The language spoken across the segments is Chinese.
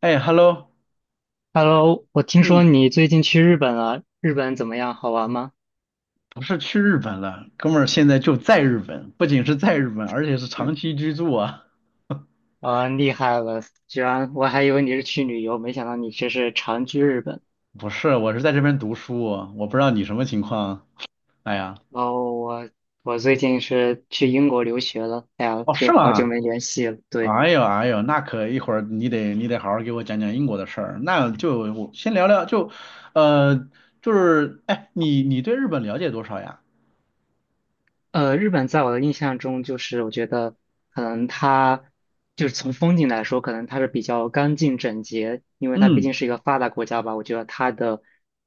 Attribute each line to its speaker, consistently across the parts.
Speaker 1: 哎，Hello，
Speaker 2: Hello，我听说
Speaker 1: 嗯，
Speaker 2: 你最近去日本了，日本怎么样？好玩吗？
Speaker 1: 不是去日本了，哥们儿现在就在日本，不仅是在日本，而且是
Speaker 2: 嗯，
Speaker 1: 长期居住啊。
Speaker 2: 啊，厉害了！居然我还以为你是去旅游，没想到你这是长居日本。
Speaker 1: 不是，我是在这边读书，我不知道你什么情况。哎呀，
Speaker 2: 然后我最近是去英国留学了，哎呀，
Speaker 1: 哦，
Speaker 2: 这
Speaker 1: 是
Speaker 2: 好
Speaker 1: 吗？
Speaker 2: 久没联系了。对。
Speaker 1: 哎呦哎呦，那可一会儿你得好好给我讲讲英国的事儿。那就我先聊聊，就呃就是哎，你对日本了解多少呀？
Speaker 2: 日本在我的印象中，就是我觉得可能它就是从风景来说，可能它是比较干净整洁，因为它毕
Speaker 1: 嗯，
Speaker 2: 竟是一个发达国家吧。我觉得它的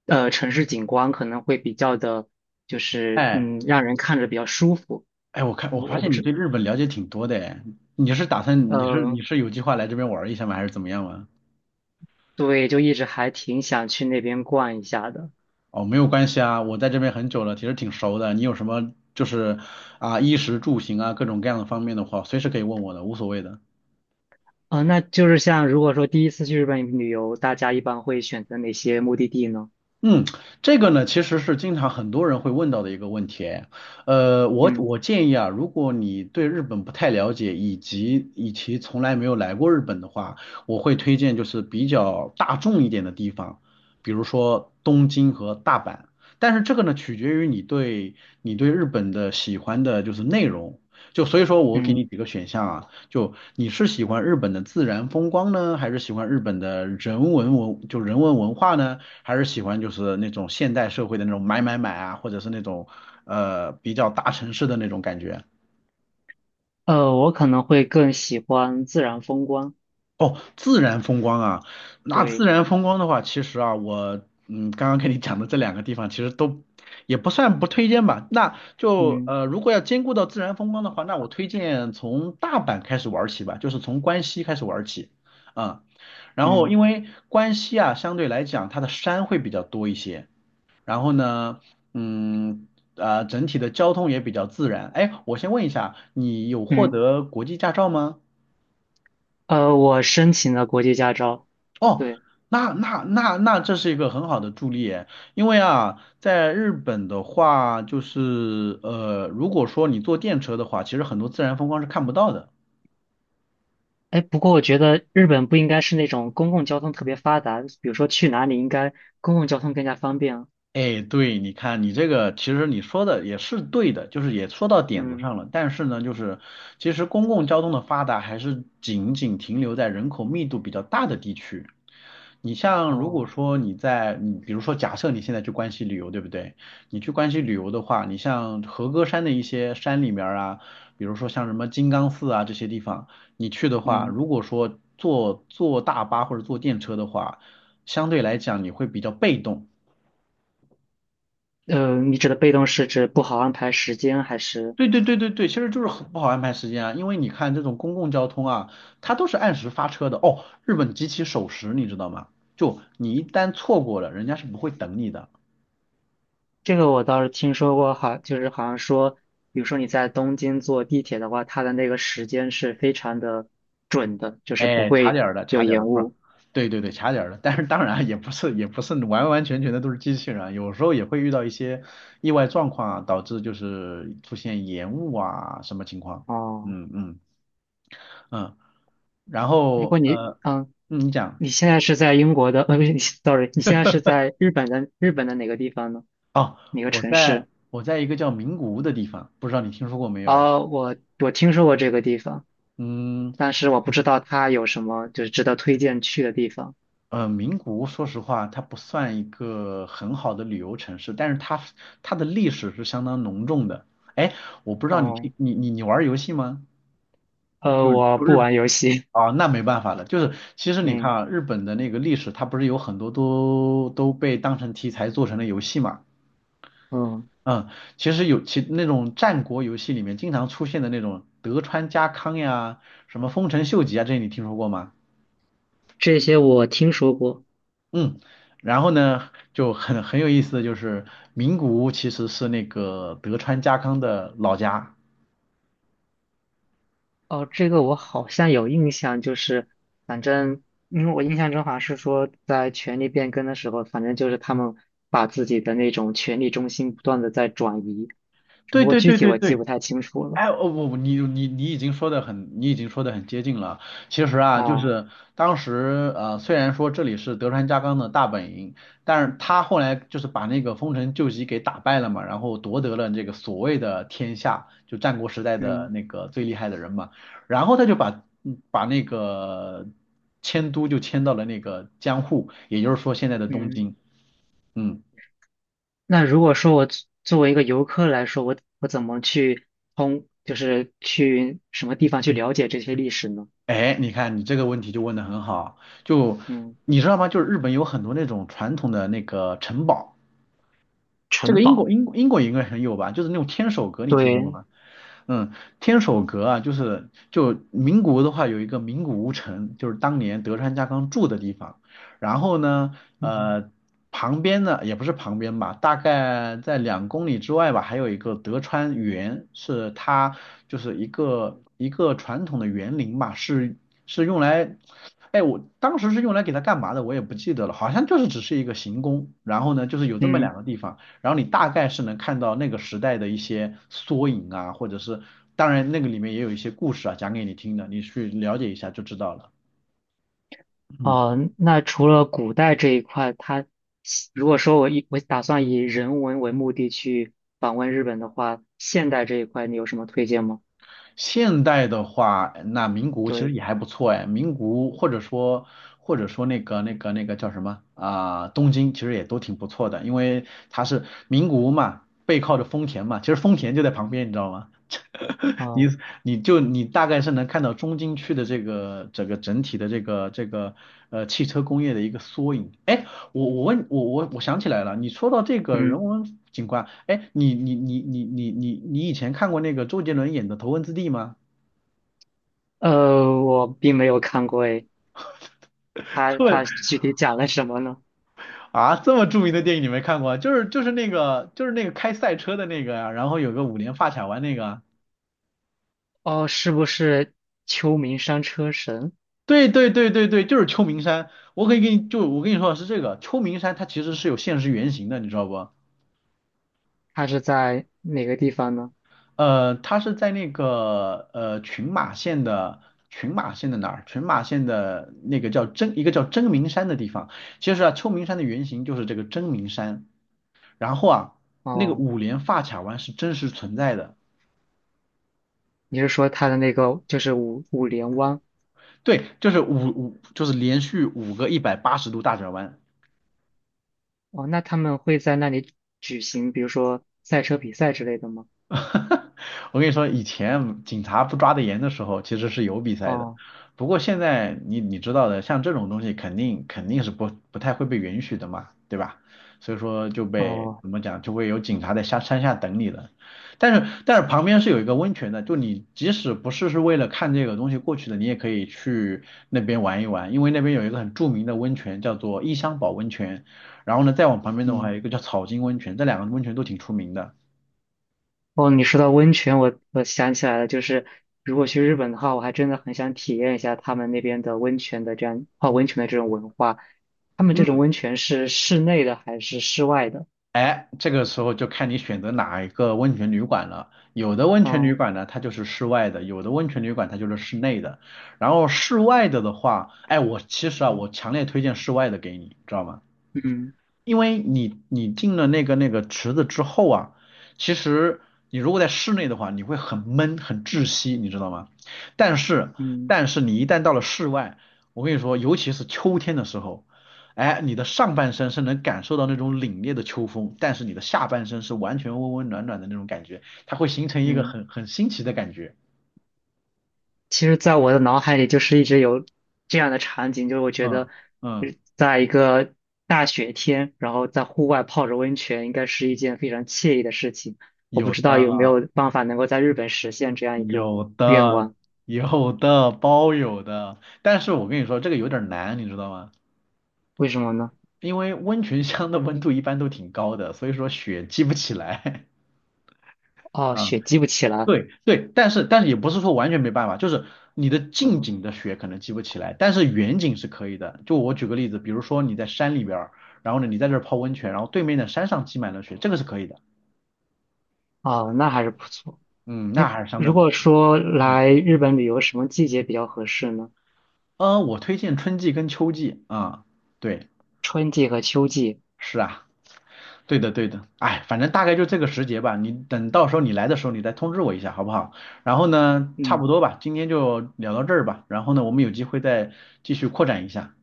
Speaker 2: 城市景观可能会比较的，就是
Speaker 1: 哎
Speaker 2: 嗯，让人看着比较舒服。
Speaker 1: 哎，我看我
Speaker 2: 我
Speaker 1: 发
Speaker 2: 我不
Speaker 1: 现你
Speaker 2: 知
Speaker 1: 对日本了解挺多的哎，你是打算你是
Speaker 2: 呃，
Speaker 1: 你是有计划来这边玩儿一下吗？还是怎么样吗？
Speaker 2: 对，就一直还挺想去那边逛一下的。
Speaker 1: 哦，没有关系啊，我在这边很久了，其实挺熟的。你有什么就是啊，衣食住行啊，各种各样的方面的话，随时可以问我的，无所谓的。
Speaker 2: 那就是像如果说第一次去日本旅游，大家一般会选择哪些目的地呢？
Speaker 1: 嗯，这个呢，其实是经常很多人会问到的一个问题哎。我
Speaker 2: 嗯。
Speaker 1: 我建议啊，如果你对日本不太了解，以及从来没有来过日本的话，我会推荐就是比较大众一点的地方，比如说东京和大阪。但是这个呢，取决于你对日本的喜欢的就是内容。就所以说我给你
Speaker 2: 嗯，
Speaker 1: 几个选项啊，就你是喜欢日本的自然风光呢，还是喜欢日本的人文文，就人文文化呢，还是喜欢就是那种现代社会的那种买买买啊，或者是那种比较大城市的那种感觉？
Speaker 2: 我可能会更喜欢自然风光。
Speaker 1: 哦，自然风光啊，那自
Speaker 2: 对，
Speaker 1: 然风光的话，其实啊，我刚刚跟你讲的这两个地方其实都也不算不推荐吧。那就
Speaker 2: 嗯。
Speaker 1: 如果要兼顾到自然风光的话，那我推荐从大阪开始玩起吧，就是从关西开始玩起。啊。然后
Speaker 2: 嗯。
Speaker 1: 因为关西啊，相对来讲它的山会比较多一些，然后呢，嗯，啊、整体的交通也比较自然。哎，我先问一下，你有获
Speaker 2: 嗯，
Speaker 1: 得国际驾照吗？
Speaker 2: 我申请了国际驾照。
Speaker 1: 哦，
Speaker 2: 对。
Speaker 1: 那这是一个很好的助力耶，因为啊，在日本的话，就是如果说你坐电车的话，其实很多自然风光是看不到的。
Speaker 2: 哎，不过我觉得日本不应该是那种公共交通特别发达，比如说去哪里应该公共交通更加方便。
Speaker 1: 哎，对，你看你这个，其实你说的也是对的，就是也说到点子
Speaker 2: 嗯。
Speaker 1: 上了。但是呢，就是其实公共交通的发达还是仅仅停留在人口密度比较大的地区。你像如果
Speaker 2: 哦，
Speaker 1: 说你比如说假设你现在去关西旅游，对不对？你去关西旅游的话，你像和歌山的一些山里面儿啊，比如说像什么金刚寺啊这些地方，你去的话，
Speaker 2: 嗯，
Speaker 1: 如果说坐大巴或者坐电车的话，相对来讲你会比较被动。
Speaker 2: 你指的被动是指不好安排时间，还是
Speaker 1: 对对对对对，其实就是很不好安排时间啊，因为你看这种公共交通啊，它都是按时发车的哦。日本极其守时，你知道吗？就你一旦错过了，人家是不会等你的。
Speaker 2: 这个我倒是听说过，好，就是好像说，比如说你在东京坐地铁的话，它的那个时间是非常的准的，就是不
Speaker 1: 哎，卡
Speaker 2: 会
Speaker 1: 点儿的，
Speaker 2: 有
Speaker 1: 卡点儿的，
Speaker 2: 延
Speaker 1: 不是，
Speaker 2: 误。
Speaker 1: 对对对，卡点儿的。但是当然啊也不是完完全全的都是机器人啊，有时候也会遇到一些意外状况啊，导致就是出现延误啊什么情况。
Speaker 2: 哦，
Speaker 1: 嗯嗯嗯，然
Speaker 2: 如果
Speaker 1: 后
Speaker 2: 你，嗯。
Speaker 1: 你讲。
Speaker 2: 你现在是在英国的，不是 sorry 你现在是在日本的日本的哪个地方呢？
Speaker 1: 哦，
Speaker 2: 哪个
Speaker 1: 我
Speaker 2: 城
Speaker 1: 在
Speaker 2: 市？
Speaker 1: 我在一个叫名古屋的地方，不知道你听说过没有？哎，
Speaker 2: 哦，我我听说过这个地方，
Speaker 1: 嗯，
Speaker 2: 但是我不知道它有什么就是值得推荐去的地方。
Speaker 1: 名古屋说实话，它不算一个很好的旅游城市，但是它的历史是相当浓重的。哎，我不知道你听
Speaker 2: 哦，
Speaker 1: 你你你玩儿游戏吗？就
Speaker 2: 我
Speaker 1: 就
Speaker 2: 不
Speaker 1: 日
Speaker 2: 玩游戏，
Speaker 1: 啊、哦那没办法了，就是其实 你看
Speaker 2: 嗯。
Speaker 1: 啊，日本的那个历史，它不是有很多都被当成题材做成了游戏嘛？
Speaker 2: 嗯，
Speaker 1: 嗯，其实有那种战国游戏里面经常出现的那种德川家康呀，什么丰臣秀吉啊，这些你听说过吗？
Speaker 2: 这些我听说过。
Speaker 1: 嗯，然后呢，就很有意思的就是名古屋其实是那个德川家康的老家。
Speaker 2: 哦，这个我好像有印象，就是反正因为我印象中好像是说，在权力变更的时候，反正就是他们把自己的那种权力中心不断的在转移，只
Speaker 1: 对
Speaker 2: 不过
Speaker 1: 对
Speaker 2: 具
Speaker 1: 对
Speaker 2: 体
Speaker 1: 对
Speaker 2: 我记不
Speaker 1: 对
Speaker 2: 太清楚了。
Speaker 1: 哎，哦不，不，你已经说的很接近了。其实啊，就
Speaker 2: 啊，
Speaker 1: 是当时虽然说这里是德川家康的大本营，但是他后来就是把那个丰臣秀吉给打败了嘛，然后夺得了这个所谓的天下，就战国时代的
Speaker 2: 嗯。
Speaker 1: 那个最厉害的人嘛。然后他就把那个迁都就迁到了那个江户，也就是说现在的东
Speaker 2: 嗯，
Speaker 1: 京。嗯。
Speaker 2: 那如果说我作为一个游客来说，我怎么去就是去什么地方去了解这些历史呢？
Speaker 1: 哎，你看你这个问题就问的很好，就
Speaker 2: 嗯，
Speaker 1: 你知道吗？就是日本有很多那种传统的那个城堡，这
Speaker 2: 城
Speaker 1: 个英
Speaker 2: 堡，
Speaker 1: 国英国英国应该很有吧？就是那种天守阁，你听说过
Speaker 2: 对，
Speaker 1: 吗？嗯，天守阁啊，就是就名古屋的话，有一个名古屋城，就是当年德川家康住的地方。然后呢，
Speaker 2: 嗯。
Speaker 1: 呃，旁边呢也不是旁边吧，大概在2公里之外吧，还有一个德川园，是它就是一个传统的园林吧，是用来，哎，我当时是用来给它干嘛的，我也不记得了，好像就是只是一个行宫。然后呢，就是有这么
Speaker 2: 嗯。
Speaker 1: 两个地方。然后你大概是能看到那个时代的一些缩影啊，或者是当然那个里面也有一些故事啊，讲给你听的，你去了解一下就知道了。嗯。
Speaker 2: 哦，那除了古代这一块，它如果说我打算以人文为目的去访问日本的话，现代这一块你有什么推荐吗？
Speaker 1: 现代的话，那名古屋其实
Speaker 2: 对，
Speaker 1: 也还不错哎，名古屋或者说那个叫什么啊、东京其实也都挺不错的，因为它是名古屋嘛，背靠着丰田嘛，其实丰田就在旁边，你知道吗？你
Speaker 2: 哦，
Speaker 1: 你大概是能看到中京区的这个整个整体的这个这个汽车工业的一个缩影。哎，我我问我我我想起来了，你说到这个
Speaker 2: 嗯，
Speaker 1: 人文景观，哎，你以前看过那个周杰伦演的《头文字 D》吗？
Speaker 2: 我并没有看过诶，它
Speaker 1: 这么
Speaker 2: 它具体讲了什么呢？
Speaker 1: 这么著名的电影你没看过啊就是那个开赛车的那个呀、然后有个五连发卡弯那个啊
Speaker 2: 哦，是不是秋名山车神？
Speaker 1: 对对对对对，就是秋名山。我可以给你就我跟你说的是这个秋名山，它其实是有现实原型的，你知道不？
Speaker 2: 它是在哪个地方呢？
Speaker 1: 它是在那个群马县的群马县的哪儿？群马县的那个一个叫真名山的地方。其实啊，秋名山的原型就是这个真名山。然后啊，那个
Speaker 2: 哦，
Speaker 1: 五连发卡弯是真实存在的。
Speaker 2: 你是说它的那个就是五连湾？
Speaker 1: 对，就是就是连续五个180度大转弯。
Speaker 2: 哦，那他们会在那里举行，比如说赛车比赛之类的吗？
Speaker 1: 哈哈，我跟你说，以前警察不抓得严的时候，其实是有比赛的。
Speaker 2: 哦。
Speaker 1: 不过现在你知道的，像这种东西肯定是不太会被允许的嘛，对吧？所以说
Speaker 2: 哦。
Speaker 1: 怎么讲，就会有警察在下山下等你了。但是旁边是有一个温泉的，就你即使不是为了看这个东西过去的，你也可以去那边玩一玩，因为那边有一个很著名的温泉叫做伊香保温泉，然后呢再往旁边的话
Speaker 2: 嗯。
Speaker 1: 有一个叫草金温泉，这两个温泉都挺出名的。
Speaker 2: 哦，你说到温泉，我想起来了，就是如果去日本的话，我还真的很想体验一下他们那边的温泉的这样泡温泉的这种文化。他们这种
Speaker 1: 嗯。
Speaker 2: 温泉是室内的还是室外的？
Speaker 1: 哎，这个时候就看你选择哪一个温泉旅馆了。有的温泉旅
Speaker 2: 嗯。
Speaker 1: 馆呢，它就是室外的；有的温泉旅馆它就是室内的。然后室外的话，哎，我其实啊，我强烈推荐室外的给你，知道吗？
Speaker 2: 嗯。
Speaker 1: 因为你进了那个池子之后啊，其实你如果在室内的话，你会很闷很窒息，你知道吗？但是
Speaker 2: 嗯。
Speaker 1: 但是你一旦到了室外，我跟你说，尤其是秋天的时候，哎，你的上半身是能感受到那种凛冽的秋风，但是你的下半身是完全温温暖暖的那种感觉，它会形成一个
Speaker 2: 嗯，
Speaker 1: 很新奇的感觉。
Speaker 2: 其实，在我的脑海里就是一直有这样的场景，就是我觉
Speaker 1: 嗯
Speaker 2: 得呃
Speaker 1: 嗯，
Speaker 2: 在一个大雪天，然后在户外泡着温泉，应该是一件非常惬意的事情。我不
Speaker 1: 有
Speaker 2: 知道有没
Speaker 1: 的
Speaker 2: 有办法能够在日本实现这样一个
Speaker 1: 有
Speaker 2: 愿
Speaker 1: 的
Speaker 2: 望。
Speaker 1: 有的包有的，但是我跟你说这个有点难，你知道吗？
Speaker 2: 为什么呢？
Speaker 1: 因为温泉乡的温度一般都挺高的，所以说雪积不起来。
Speaker 2: 哦，
Speaker 1: 啊，
Speaker 2: 雪积不起来。
Speaker 1: 对对，但是也不是说完全没办法，就是你的近
Speaker 2: 嗯，
Speaker 1: 景的雪可能积不起来，但是远景是可以的。就我举个例子，比如说你在山里边儿，然后呢你在这儿泡温泉，然后对面的山上积满了雪，这个是可以的。
Speaker 2: 哦，那还是不错。
Speaker 1: 嗯，那还是相对
Speaker 2: 如
Speaker 1: 不，
Speaker 2: 果说
Speaker 1: 嗯，
Speaker 2: 来日本旅游，什么季节比较合适呢？
Speaker 1: 我推荐春季跟秋季啊，对，
Speaker 2: 春季和秋季。
Speaker 1: 是啊。对的，对的，哎，反正大概就这个时节吧。你等到时候你来的时候，你再通知我一下，好不好？然后呢，差不
Speaker 2: 嗯，
Speaker 1: 多吧，今天就聊到这儿吧。然后呢，我们有机会再继续扩展一下。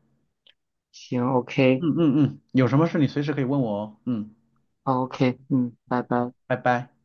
Speaker 2: 行，OK，OK，
Speaker 1: 嗯嗯嗯，有什么事你随时可以问我哦。嗯，
Speaker 2: 嗯，拜拜。
Speaker 1: 拜拜。